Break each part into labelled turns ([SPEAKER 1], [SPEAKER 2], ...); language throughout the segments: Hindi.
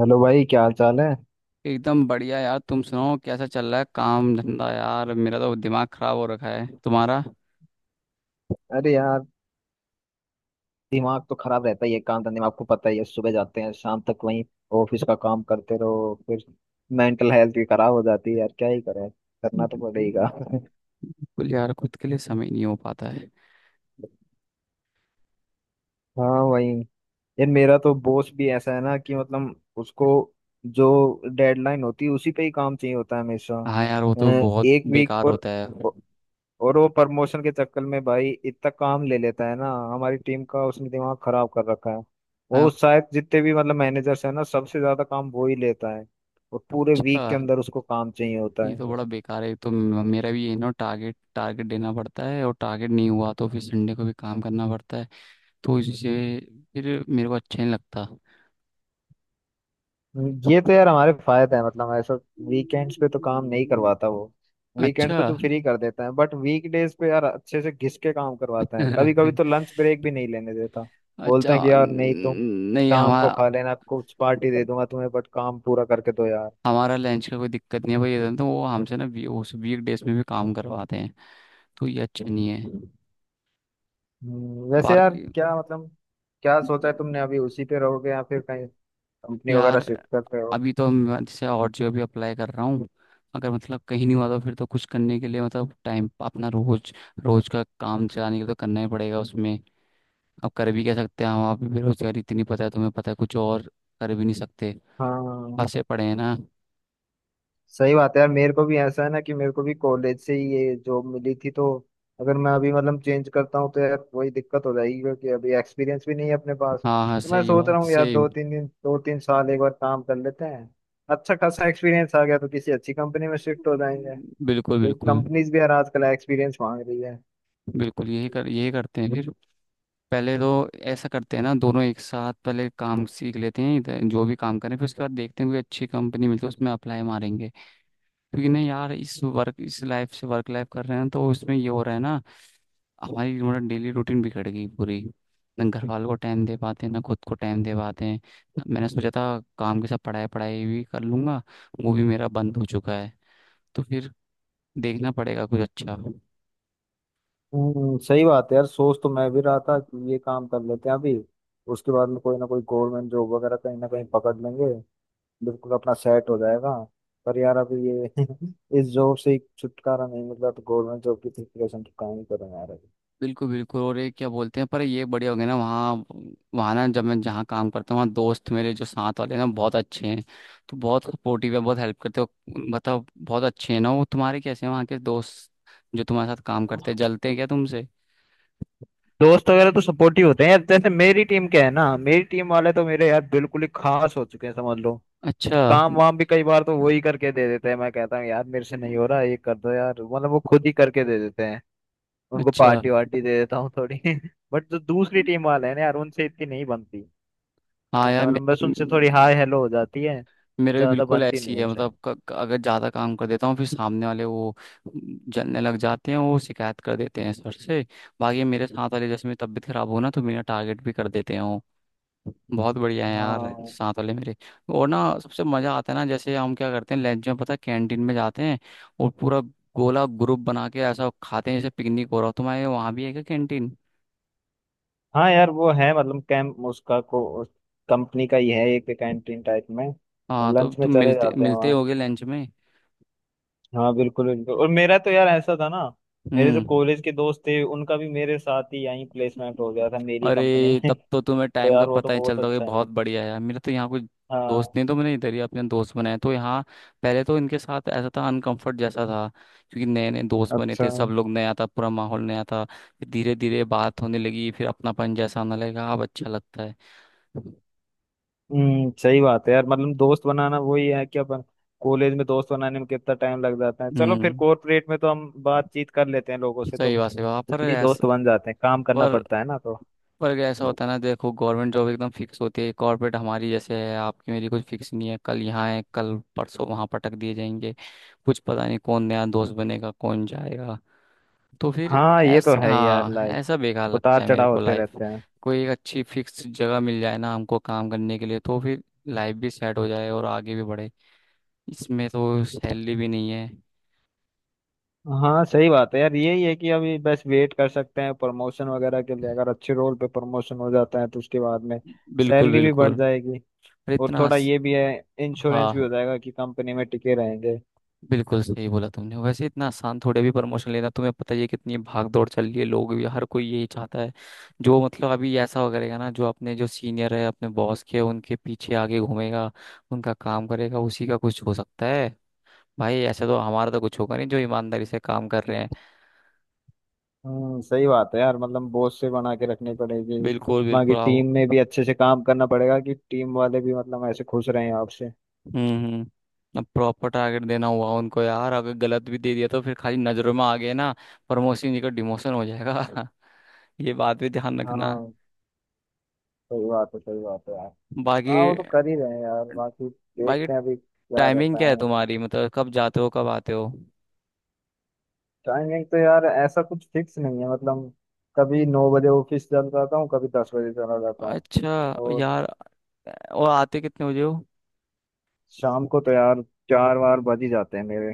[SPEAKER 1] हेलो भाई, क्या हाल चाल है।
[SPEAKER 2] एकदम बढ़िया यार। तुम सुनाओ कैसा चल रहा है काम धंधा। यार मेरा तो दिमाग खराब हो रखा है तुम्हारा।
[SPEAKER 1] अरे यार, दिमाग तो खराब रहता ही है। काम धंधे में आपको पता ही है, सुबह जाते हैं शाम तक वहीं ऑफिस का काम करते रहो। फिर मेंटल हेल्थ भी खराब हो जाती है यार, क्या ही करें, करना तो पड़ेगा।
[SPEAKER 2] बिल्कुल। यार खुद के लिए समय नहीं हो पाता है।
[SPEAKER 1] हाँ वही। यार, मेरा तो बॉस भी ऐसा है ना कि मतलब उसको जो डेडलाइन होती है उसी पे ही काम चाहिए होता है हमेशा।
[SPEAKER 2] हाँ यार वो
[SPEAKER 1] अ,
[SPEAKER 2] तो बहुत
[SPEAKER 1] एक वीक
[SPEAKER 2] बेकार
[SPEAKER 1] और
[SPEAKER 2] होता है।
[SPEAKER 1] और वो प्रमोशन के चक्कर में भाई इतना काम ले लेता है ना, हमारी टीम का उसने दिमाग खराब कर रखा है। वो
[SPEAKER 2] हाँ,
[SPEAKER 1] शायद जितने भी मतलब मैनेजर्स है ना, सबसे ज्यादा काम वो ही लेता है। और पूरे
[SPEAKER 2] अच्छा।
[SPEAKER 1] वीक के अंदर उसको काम चाहिए होता
[SPEAKER 2] ये
[SPEAKER 1] है।
[SPEAKER 2] तो बड़ा बेकार है। तो मेरा भी ये ना टारगेट टारगेट देना पड़ता है और टारगेट नहीं हुआ तो फिर संडे को भी काम करना पड़ता है। तो इससे फिर मेरे को अच्छा नहीं लगता।
[SPEAKER 1] ये तो यार हमारे फायदा है मतलब, ऐसा वीकेंड्स पे तो काम नहीं
[SPEAKER 2] हम्म,
[SPEAKER 1] करवाता वो। वीकेंड्स
[SPEAKER 2] अच्छा।
[SPEAKER 1] पे तो फ्री कर देता है, बट वीकडेज पे यार अच्छे से घिस के काम करवाता है। कभी कभी तो लंच ब्रेक भी नहीं लेने देता। बोलता
[SPEAKER 2] अच्छा
[SPEAKER 1] है कि यार नहीं, तुम
[SPEAKER 2] नहीं
[SPEAKER 1] शाम को
[SPEAKER 2] हमारा।
[SPEAKER 1] खा लेना, कुछ पार्टी दे दूंगा तुम्हें, बट काम पूरा करके दो यार।
[SPEAKER 2] हमारा लंच का कोई दिक्कत नहीं है भाई। ये तो वो हमसे ना उस वीक डेज में भी काम करवाते हैं। तो ये अच्छा नहीं है।
[SPEAKER 1] वैसे यार,
[SPEAKER 2] बाकी।
[SPEAKER 1] क्या मतलब क्या सोचा है तुमने? अभी उसी पे रहोगे या फिर कहीं कंपनी वगैरह
[SPEAKER 2] यार
[SPEAKER 1] शिफ्ट करते हो?
[SPEAKER 2] अभी तो मैं जैसे और जो अभी अप्लाई कर रहा हूँ। अगर मतलब कहीं नहीं हुआ तो फिर तो कुछ करने के लिए मतलब टाइम अपना रोज रोज का काम चलाने के लिए तो करना ही पड़ेगा उसमें। अब कर भी क्या सकते हैं हम। आप भी बेरोजगारी इतनी, पता है तुम्हें, पता है कुछ और कर भी नहीं सकते।
[SPEAKER 1] हाँ
[SPEAKER 2] फंसे पड़े हैं ना।
[SPEAKER 1] सही बात है यार, मेरे को भी ऐसा है ना कि मेरे को भी कॉलेज से ही ये जॉब मिली थी, तो अगर मैं अभी मतलब चेंज करता हूँ तो यार वही दिक्कत हो जाएगी, क्योंकि अभी एक्सपीरियंस भी नहीं है अपने पास।
[SPEAKER 2] हाँ हाँ
[SPEAKER 1] तो मैं
[SPEAKER 2] सही
[SPEAKER 1] सोच रहा
[SPEAKER 2] बात
[SPEAKER 1] हूँ यार,
[SPEAKER 2] सही।
[SPEAKER 1] दो तीन दिन दो तीन साल एक बार काम कर लेते हैं। अच्छा खासा एक्सपीरियंस आ गया तो किसी अच्छी कंपनी में शिफ्ट हो जाएंगे।
[SPEAKER 2] बिल्कुल
[SPEAKER 1] क्योंकि
[SPEAKER 2] बिल्कुल।
[SPEAKER 1] कंपनीज भी यार आजकल एक्सपीरियंस मांग रही है।
[SPEAKER 2] बिल्कुल यही कर यही करते हैं फिर। पहले तो ऐसा करते हैं ना, दोनों एक साथ पहले काम सीख लेते हैं इधर जो भी काम करें, फिर उसके बाद देखते हैं कोई अच्छी कंपनी मिलती है उसमें अप्लाई मारेंगे। क्योंकि नहीं यार इस वर्क इस लाइफ से वर्क लाइफ कर रहे हैं तो उसमें ये हो रहा है ना। हमारी मतलब डेली रूटीन बिगड़ गई पूरी। ना घर वालों को टाइम दे पाते हैं ना खुद को टाइम दे पाते हैं। मैंने सोचा था काम के साथ पढ़ाई पढ़ाई भी कर लूंगा। वो भी मेरा बंद हो चुका है। तो फिर देखना पड़ेगा कुछ अच्छा।
[SPEAKER 1] सही बात है यार, सोच तो मैं भी रहा था कि ये काम कर लेते हैं अभी। उसके बाद में कोई ना कोई गवर्नमेंट जॉब वगैरह कहीं ना कहीं पकड़ लेंगे, बिल्कुल अपना सेट हो जाएगा। पर यार अभी ये इस जॉब से ही छुटकारा नहीं मिल रहा, तो गवर्नमेंट जॉब की प्रिपरेशन तो कहाँ ही करें यार अभी।
[SPEAKER 2] बिल्कुल बिल्कुल। और ये क्या बोलते हैं, पर ये बढ़िया हो गया ना वहाँ। वहाँ ना जब मैं जहाँ काम करता हूँ वहाँ दोस्त मेरे जो साथ वाले हैं ना बहुत अच्छे हैं। तो बहुत सपोर्टिव है बहुत हेल्प करते हो। मतलब बहुत अच्छे हैं ना। वो तुम्हारे कैसे हैं वहाँ के दोस्त जो तुम्हारे साथ काम करते हैं? जलते हैं क्या तुमसे?
[SPEAKER 1] दोस्त वगैरह तो सपोर्टिव होते हैं यार। जैसे मेरी टीम क्या है ना, मेरी टीम वाले तो मेरे यार बिल्कुल ही खास हो चुके हैं, समझ लो।
[SPEAKER 2] अच्छा
[SPEAKER 1] काम वाम भी कई बार तो वो ही करके दे देते हैं। मैं कहता हूँ यार मेरे से नहीं हो रहा, ये कर दो यार, मतलब वो खुद ही करके दे देते हैं। उनको
[SPEAKER 2] अच्छा।
[SPEAKER 1] पार्टी वार्टी दे देता हूँ थोड़ी। बट जो दूसरी टीम वाले हैं ना यार, उनसे इतनी नहीं बनती। ऐसा
[SPEAKER 2] हाँ यार
[SPEAKER 1] मतलब, बस उनसे थोड़ी हाय हेलो हो जाती है,
[SPEAKER 2] मेरे भी
[SPEAKER 1] ज्यादा
[SPEAKER 2] बिल्कुल
[SPEAKER 1] बनती
[SPEAKER 2] ऐसी
[SPEAKER 1] नहीं
[SPEAKER 2] है
[SPEAKER 1] उनसे।
[SPEAKER 2] मतलब क, क- अगर ज़्यादा काम कर देता हूँ फिर सामने वाले वो जलने लग जाते हैं वो शिकायत कर देते हैं सर से। बाकी मेरे साथ वाले जैसे मेरी तबीयत खराब हो ना तो मेरा टारगेट भी कर देते हैं वो। बहुत बढ़िया है यार
[SPEAKER 1] हाँ
[SPEAKER 2] साथ वाले मेरे। और ना सबसे मज़ा आता है ना जैसे हम क्या करते हैं लंच में पता है कैंटीन में जाते हैं। और पूरा गोला ग्रुप बना के ऐसा खाते हैं जैसे पिकनिक हो रहा हो। तुम्हारे वहाँ भी है क्या कैंटीन?
[SPEAKER 1] हाँ, यार वो है मतलब कैंप उसका को कंपनी का ही है, एक कैंटीन टाइप में।
[SPEAKER 2] हाँ तो
[SPEAKER 1] लंच में
[SPEAKER 2] तुम
[SPEAKER 1] चले
[SPEAKER 2] मिलते
[SPEAKER 1] जाते हैं
[SPEAKER 2] मिलते
[SPEAKER 1] वहाँ।
[SPEAKER 2] होगे लंच में।
[SPEAKER 1] हाँ बिल्कुल बिल्कुल। और मेरा तो यार ऐसा था ना, मेरे जो
[SPEAKER 2] हम्म।
[SPEAKER 1] कॉलेज के दोस्त थे उनका भी मेरे साथ ही यहीं प्लेसमेंट हो गया था, मेरी कंपनी
[SPEAKER 2] अरे
[SPEAKER 1] में।
[SPEAKER 2] तब तो तुम्हें
[SPEAKER 1] तो
[SPEAKER 2] टाइम का
[SPEAKER 1] यार वो तो
[SPEAKER 2] पता ही
[SPEAKER 1] बहुत
[SPEAKER 2] चलता होगा। ये
[SPEAKER 1] अच्छा है।
[SPEAKER 2] बहुत बढ़िया है। मेरे तो यहाँ कुछ दोस्त
[SPEAKER 1] हाँ।
[SPEAKER 2] नहीं तो मैंने इधर ही अपने दोस्त बनाए तो यहाँ। पहले तो इनके साथ ऐसा था अनकंफर्ट जैसा था। क्योंकि नए नए दोस्त बने
[SPEAKER 1] अच्छा।
[SPEAKER 2] थे सब लोग नया था पूरा माहौल नया था फिर धीरे धीरे बात होने लगी फिर अपनापन जैसा आने लगा अब अच्छा लगता है।
[SPEAKER 1] सही बात है यार, मतलब दोस्त बनाना वही है कि अपन कॉलेज में दोस्त बनाने में कितना टाइम लग जाता है। चलो फिर
[SPEAKER 2] हम्म
[SPEAKER 1] कॉर्पोरेट में तो हम बातचीत कर लेते हैं लोगों से, तो
[SPEAKER 2] सही बात है वहाँ पर
[SPEAKER 1] जल्दी
[SPEAKER 2] ऐसा।
[SPEAKER 1] दोस्त बन जाते हैं, काम करना
[SPEAKER 2] पर
[SPEAKER 1] पड़ता है ना तो।
[SPEAKER 2] पर ऐसा होता है ना देखो गवर्नमेंट जॉब एकदम फिक्स होती है। कॉर्पोरेट हमारी जैसे है आपकी मेरी कुछ फिक्स नहीं है। कल यहाँ है कल परसों वहाँ पटक दिए जाएंगे। कुछ पता नहीं कौन नया दोस्त बनेगा कौन जाएगा। तो फिर
[SPEAKER 1] हाँ, ये तो
[SPEAKER 2] ऐस
[SPEAKER 1] है ही यार,
[SPEAKER 2] हाँ
[SPEAKER 1] लाइफ
[SPEAKER 2] ऐसा बेकार लगता
[SPEAKER 1] उतार
[SPEAKER 2] है मेरे
[SPEAKER 1] चढ़ाव
[SPEAKER 2] को
[SPEAKER 1] होते
[SPEAKER 2] लाइफ।
[SPEAKER 1] रहते हैं।
[SPEAKER 2] कोई एक अच्छी फिक्स जगह मिल जाए ना हमको काम करने के लिए तो फिर लाइफ भी सेट हो जाए और आगे भी बढ़े। इसमें तो सैलरी भी नहीं है।
[SPEAKER 1] हाँ सही बात है यार, यही है कि अभी बस वेट कर सकते हैं प्रमोशन वगैरह के लिए। अगर अच्छे रोल पे प्रमोशन हो जाता है तो उसके बाद में
[SPEAKER 2] बिल्कुल
[SPEAKER 1] सैलरी भी बढ़
[SPEAKER 2] बिल्कुल।
[SPEAKER 1] जाएगी।
[SPEAKER 2] पर
[SPEAKER 1] और
[SPEAKER 2] इतना।
[SPEAKER 1] थोड़ा ये भी है, इंश्योरेंस भी
[SPEAKER 2] हाँ
[SPEAKER 1] हो जाएगा कि कंपनी में टिके रहेंगे।
[SPEAKER 2] बिल्कुल सही बोला तुमने। वैसे इतना आसान थोड़े भी प्रमोशन लेना, तुम्हें पता ही है कितनी भाग दौड़ चल रही है। लोग भी हर कोई यही चाहता है। जो मतलब अभी ऐसा हो करेगा ना, जो अपने जो सीनियर है अपने बॉस के उनके पीछे आगे घूमेगा उनका काम करेगा उसी का कुछ हो सकता है। भाई ऐसे तो हमारा तो कुछ होगा नहीं जो ईमानदारी से काम कर रहे हैं।
[SPEAKER 1] सही बात है यार, मतलब बोझ से बना के रखनी पड़ेगी।
[SPEAKER 2] बिल्कुल
[SPEAKER 1] बाकी
[SPEAKER 2] बिल्कुल। आओ।
[SPEAKER 1] टीम में भी अच्छे से काम करना पड़ेगा कि टीम वाले भी मतलब ऐसे खुश रहें आपसे।
[SPEAKER 2] हम्म। अब प्रॉपर टारगेट देना हुआ उनको यार अगर गलत भी दे दिया तो फिर खाली नजरों में आ गए ना। प्रमोशन जी का डिमोशन हो जाएगा। ये बात भी ध्यान रखना।
[SPEAKER 1] हाँ सही बात है, सही बात है यार।
[SPEAKER 2] बाकी
[SPEAKER 1] हाँ वो तो कर ही रहे हैं यार, बाकी
[SPEAKER 2] बाकी
[SPEAKER 1] देखते हैं अभी क्या
[SPEAKER 2] टाइमिंग
[SPEAKER 1] रहता
[SPEAKER 2] क्या है
[SPEAKER 1] है।
[SPEAKER 2] तुम्हारी मतलब कब जाते हो कब आते हो?
[SPEAKER 1] टाइमिंग तो यार ऐसा कुछ फिक्स नहीं है मतलब, कभी नौ बजे ऑफिस चल जाता हूँ, कभी दस बजे चला जाता हूँ।
[SPEAKER 2] अच्छा
[SPEAKER 1] और
[SPEAKER 2] यार। और आते कितने बजे हो?
[SPEAKER 1] शाम को तो यार चार बार बज ही जाते हैं मेरे।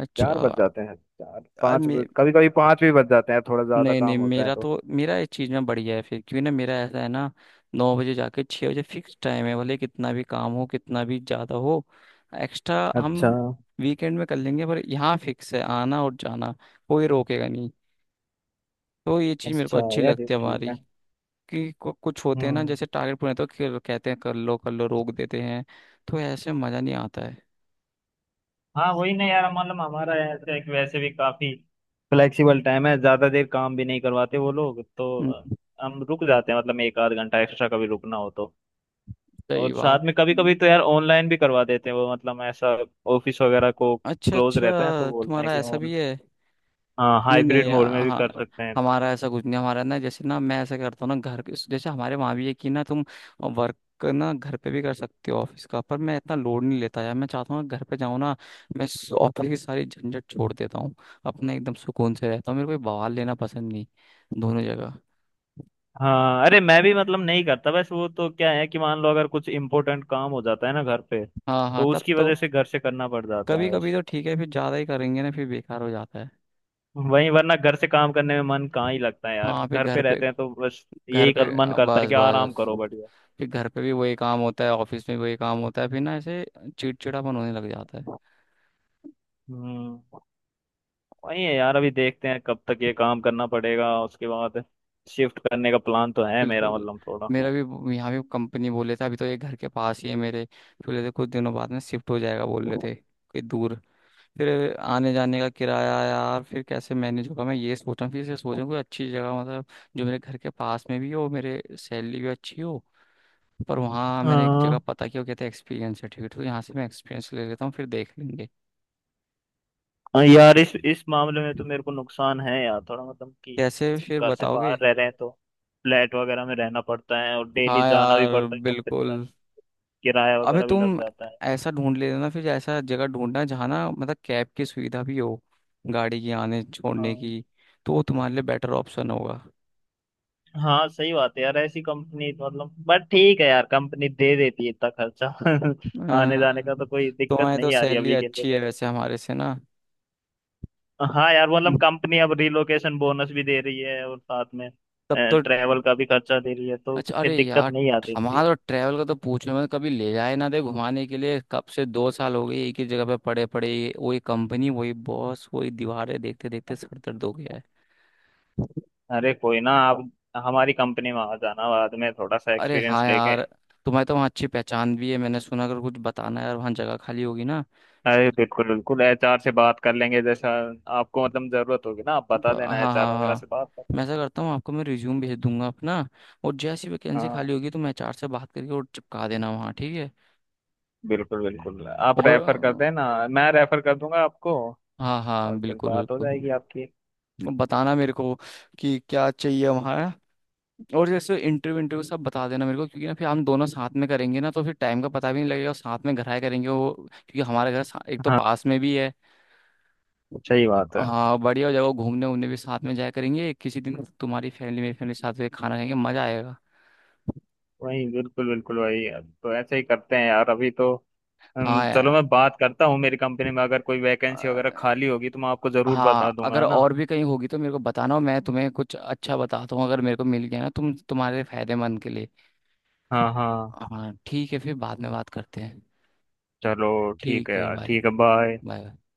[SPEAKER 2] अच्छा
[SPEAKER 1] चार बज जाते हैं, चार
[SPEAKER 2] यार।
[SPEAKER 1] पाँच कभी कभी पाँच भी बज जाते हैं, थोड़ा ज्यादा
[SPEAKER 2] नहीं नहीं
[SPEAKER 1] काम होता है
[SPEAKER 2] मेरा
[SPEAKER 1] तो।
[SPEAKER 2] तो मेरा इस चीज़ में बढ़िया है। फिर क्यों ना मेरा ऐसा है ना 9 बजे जाके 6 बजे फिक्स टाइम है भले कितना भी काम हो कितना भी ज़्यादा हो एक्स्ट्रा हम
[SPEAKER 1] अच्छा
[SPEAKER 2] वीकेंड में कर लेंगे। पर यहाँ फिक्स है आना और जाना। कोई रोकेगा नहीं। तो ये चीज़ मेरे को
[SPEAKER 1] अच्छा
[SPEAKER 2] अच्छी
[SPEAKER 1] यार, ये
[SPEAKER 2] लगती है
[SPEAKER 1] ठीक
[SPEAKER 2] हमारी।
[SPEAKER 1] है।
[SPEAKER 2] कि कुछ होते हैं ना
[SPEAKER 1] हम्म।
[SPEAKER 2] जैसे टारगेट पूरे तो कहते हैं कर लो रोक देते हैं। तो ऐसे मजा नहीं आता है।
[SPEAKER 1] हाँ वही ना यार, मतलब हमारा ऐसे एक वैसे भी काफी फ्लेक्सिबल टाइम है, ज्यादा देर काम भी नहीं करवाते वो लोग। तो
[SPEAKER 2] हम्म,
[SPEAKER 1] हम रुक जाते हैं मतलब एक आध घंटा एक्स्ट्रा कभी रुकना हो तो।
[SPEAKER 2] सही
[SPEAKER 1] और
[SPEAKER 2] बात।
[SPEAKER 1] साथ में कभी कभी तो यार ऑनलाइन भी करवा देते हैं वो, मतलब ऐसा ऑफिस वगैरह को
[SPEAKER 2] अच्छा
[SPEAKER 1] क्लोज रहता है तो
[SPEAKER 2] अच्छा
[SPEAKER 1] बोलते हैं
[SPEAKER 2] तुम्हारा
[SPEAKER 1] कि
[SPEAKER 2] ऐसा भी
[SPEAKER 1] ऑन,
[SPEAKER 2] है?
[SPEAKER 1] हाँ
[SPEAKER 2] नहीं
[SPEAKER 1] हाइब्रिड
[SPEAKER 2] नहीं
[SPEAKER 1] मोड में भी
[SPEAKER 2] हाँ।
[SPEAKER 1] कर सकते हैं।
[SPEAKER 2] हमारा ऐसा कुछ नहीं। हमारा ना जैसे ना मैं ऐसा करता हूँ ना जैसे हमारे वहाँ भी है कि ना तुम वर्क ना घर पे भी कर सकते हो ऑफिस का। पर मैं इतना लोड नहीं लेता यार। मैं चाहता हूँ घर पे जाऊँ ना। मैं ऑफिस की सारी झंझट छोड़ देता हूँ। अपना एकदम सुकून से रहता हूँ। मेरे को कोई बवाल लेना पसंद नहीं। दोनों जगह।
[SPEAKER 1] हाँ अरे, मैं भी मतलब नहीं करता, बस वो तो क्या है कि मान लो अगर कुछ इम्पोर्टेंट काम हो जाता है ना घर पे,
[SPEAKER 2] हाँ हाँ
[SPEAKER 1] तो
[SPEAKER 2] तब
[SPEAKER 1] उसकी
[SPEAKER 2] तो।
[SPEAKER 1] वजह से घर से करना पड़ जाता
[SPEAKER 2] कभी
[SPEAKER 1] है।
[SPEAKER 2] कभी तो ठीक है फिर ज्यादा ही करेंगे ना फिर बेकार हो जाता है।
[SPEAKER 1] वहीं, वरना घर से काम करने में मन कहाँ ही लगता है यार।
[SPEAKER 2] हाँ फिर
[SPEAKER 1] घर पे रहते हैं तो बस
[SPEAKER 2] घर
[SPEAKER 1] यही
[SPEAKER 2] पे
[SPEAKER 1] मन करता है
[SPEAKER 2] बस
[SPEAKER 1] कि आराम
[SPEAKER 2] बस
[SPEAKER 1] करो,
[SPEAKER 2] बस।
[SPEAKER 1] बढ़िया।
[SPEAKER 2] फिर घर पे भी वही काम होता है ऑफिस में भी वही काम होता है फिर ना ऐसे चिड़चिड़ापन होने लग जाता है।
[SPEAKER 1] हम्म वही है यार, अभी देखते हैं कब तक ये काम करना पड़ेगा, उसके बाद शिफ्ट करने का प्लान तो है मेरा,
[SPEAKER 2] बिल्कुल।
[SPEAKER 1] मतलब थोड़ा।
[SPEAKER 2] मेरा भी यहाँ भी कंपनी बोले थे अभी तो ये घर के पास ही है मेरे। फिर बोले थे कुछ दिनों बाद में शिफ्ट हो जाएगा बोल रहे थे कहीं दूर। फिर आने जाने का किराया यार फिर कैसे मैनेज होगा। मैं ये सोच रहा हूँ फिर से सोच रहा हूँ कोई अच्छी जगह मतलब जो मेरे घर के पास में भी हो मेरे सैलरी भी अच्छी हो। पर वहाँ मैंने एक जगह
[SPEAKER 1] हाँ
[SPEAKER 2] पता किया वो कहते हैं एक्सपीरियंस सर्टिफिकेट। तो यहाँ से मैं एक्सपीरियंस ले लेता हूँ फिर देख लेंगे।
[SPEAKER 1] हाँ यार, इस मामले में तो मेरे को नुकसान है यार, थोड़ा मतलब कि
[SPEAKER 2] कैसे फिर
[SPEAKER 1] घर से
[SPEAKER 2] बताओगे?
[SPEAKER 1] बाहर रह रहे हैं, तो फ्लैट वगैरह में रहना पड़ता है, और डेली
[SPEAKER 2] हाँ
[SPEAKER 1] जाना भी
[SPEAKER 2] यार
[SPEAKER 1] पड़ता है कंपनी तक,
[SPEAKER 2] बिल्कुल।
[SPEAKER 1] किराया
[SPEAKER 2] अबे
[SPEAKER 1] वगैरह भी लग
[SPEAKER 2] तुम
[SPEAKER 1] जाता है।
[SPEAKER 2] ऐसा ढूंढ ले लेना फिर। ऐसा जगह ढूंढना जहाँ ना मतलब कैब की सुविधा भी हो गाड़ी की आने छोड़ने
[SPEAKER 1] हाँ।
[SPEAKER 2] की। तो वो तुम्हारे लिए बेटर ऑप्शन होगा।
[SPEAKER 1] हाँ सही बात है यार, ऐसी कंपनी मतलब, बट ठीक है यार, कंपनी दे देती है इतना खर्चा
[SPEAKER 2] अ,
[SPEAKER 1] आने जाने का, तो कोई दिक्कत
[SPEAKER 2] तुम्हारी तो
[SPEAKER 1] नहीं आ रही
[SPEAKER 2] सैलरी
[SPEAKER 1] अभी के लिए
[SPEAKER 2] अच्छी है
[SPEAKER 1] तो।
[SPEAKER 2] वैसे हमारे से ना।
[SPEAKER 1] हाँ यार, मतलब कंपनी अब रिलोकेशन बोनस भी दे रही है, और साथ में
[SPEAKER 2] तब तो
[SPEAKER 1] ट्रेवल का भी खर्चा दे रही है, तो
[SPEAKER 2] अच्छा।
[SPEAKER 1] फिर
[SPEAKER 2] अरे
[SPEAKER 1] दिक्कत
[SPEAKER 2] यार
[SPEAKER 1] नहीं आती
[SPEAKER 2] हमारा
[SPEAKER 1] इतनी।
[SPEAKER 2] तो ट्रैवल का तो पूछो। मैं कभी ले जाए ना दे घुमाने के लिए। कब से 2 साल हो गए एक ही जगह पे पड़े पड़े वही कंपनी वही बॉस वही दीवारें देखते देखते सर दर्द हो गया है।
[SPEAKER 1] अरे कोई ना, आप हमारी कंपनी में आ जाना बाद में, थोड़ा सा
[SPEAKER 2] अरे
[SPEAKER 1] एक्सपीरियंस
[SPEAKER 2] हाँ
[SPEAKER 1] लेके।
[SPEAKER 2] यार। तुम्हें तो वहाँ अच्छी पहचान भी है मैंने सुना। अगर कुछ बताना है यार वहाँ जगह खाली होगी ना।
[SPEAKER 1] अरे बिल्कुल बिल्कुल, एचआर से बात कर लेंगे। जैसा आपको मतलब जरूरत होगी ना, आप बता
[SPEAKER 2] हाँ
[SPEAKER 1] देना,
[SPEAKER 2] हाँ
[SPEAKER 1] एचआर वगैरह
[SPEAKER 2] हाँ।
[SPEAKER 1] से बात
[SPEAKER 2] मैं ऐसा करता हूँ आपको। मैं रिज्यूम भेज दूंगा अपना। और जैसी वैकेंसी
[SPEAKER 1] कर,
[SPEAKER 2] खाली होगी तो मैं HR से बात करके और चिपका देना वहाँ ठीक है।
[SPEAKER 1] बिल्कुल बिल्कुल, आप
[SPEAKER 2] और
[SPEAKER 1] रेफर कर देना, मैं रेफर कर दूंगा आपको,
[SPEAKER 2] हाँ
[SPEAKER 1] और
[SPEAKER 2] हाँ
[SPEAKER 1] फिर
[SPEAKER 2] बिल्कुल
[SPEAKER 1] बात हो
[SPEAKER 2] बिल्कुल।
[SPEAKER 1] जाएगी आपकी।
[SPEAKER 2] बताना मेरे को कि क्या चाहिए हमारा। और जैसे इंटरव्यू इंटरव्यू सब बता देना मेरे को। क्योंकि ना फिर हम दोनों साथ में करेंगे ना तो फिर टाइम का पता भी नहीं लगेगा। और साथ में घर आए करेंगे वो क्योंकि हमारा एक तो
[SPEAKER 1] हाँ
[SPEAKER 2] पास में भी है।
[SPEAKER 1] सही बात है।
[SPEAKER 2] हाँ बढ़िया हो जाएगा। घूमने उमने भी साथ में जाया करेंगे किसी दिन। तुम्हारी फैमिली मेरी फैमिली साथ में खाना खाएंगे मजा आएगा।
[SPEAKER 1] वही बिल्कुल बिल्कुल वही है। तो ऐसे ही करते हैं यार अभी तो।
[SPEAKER 2] हाँ
[SPEAKER 1] चलो
[SPEAKER 2] यार।
[SPEAKER 1] मैं बात करता हूँ मेरी कंपनी में, अगर कोई वैकेंसी वगैरह
[SPEAKER 2] अ,
[SPEAKER 1] खाली होगी तो मैं आपको जरूर
[SPEAKER 2] हाँ
[SPEAKER 1] बता दूंगा,
[SPEAKER 2] अगर
[SPEAKER 1] है ना।
[SPEAKER 2] और भी कहीं होगी तो मेरे को बताना। और मैं तुम्हें कुछ अच्छा बताता हूँ अगर मेरे को मिल गया ना तुम तुम्हारे फायदेमंद के लिए।
[SPEAKER 1] हाँ हाँ।
[SPEAKER 2] हाँ ठीक है फिर बाद में बात करते हैं।
[SPEAKER 1] चलो ठीक
[SPEAKER 2] ठीक
[SPEAKER 1] है
[SPEAKER 2] है
[SPEAKER 1] यार,
[SPEAKER 2] बाय
[SPEAKER 1] ठीक है, बाय।
[SPEAKER 2] माय।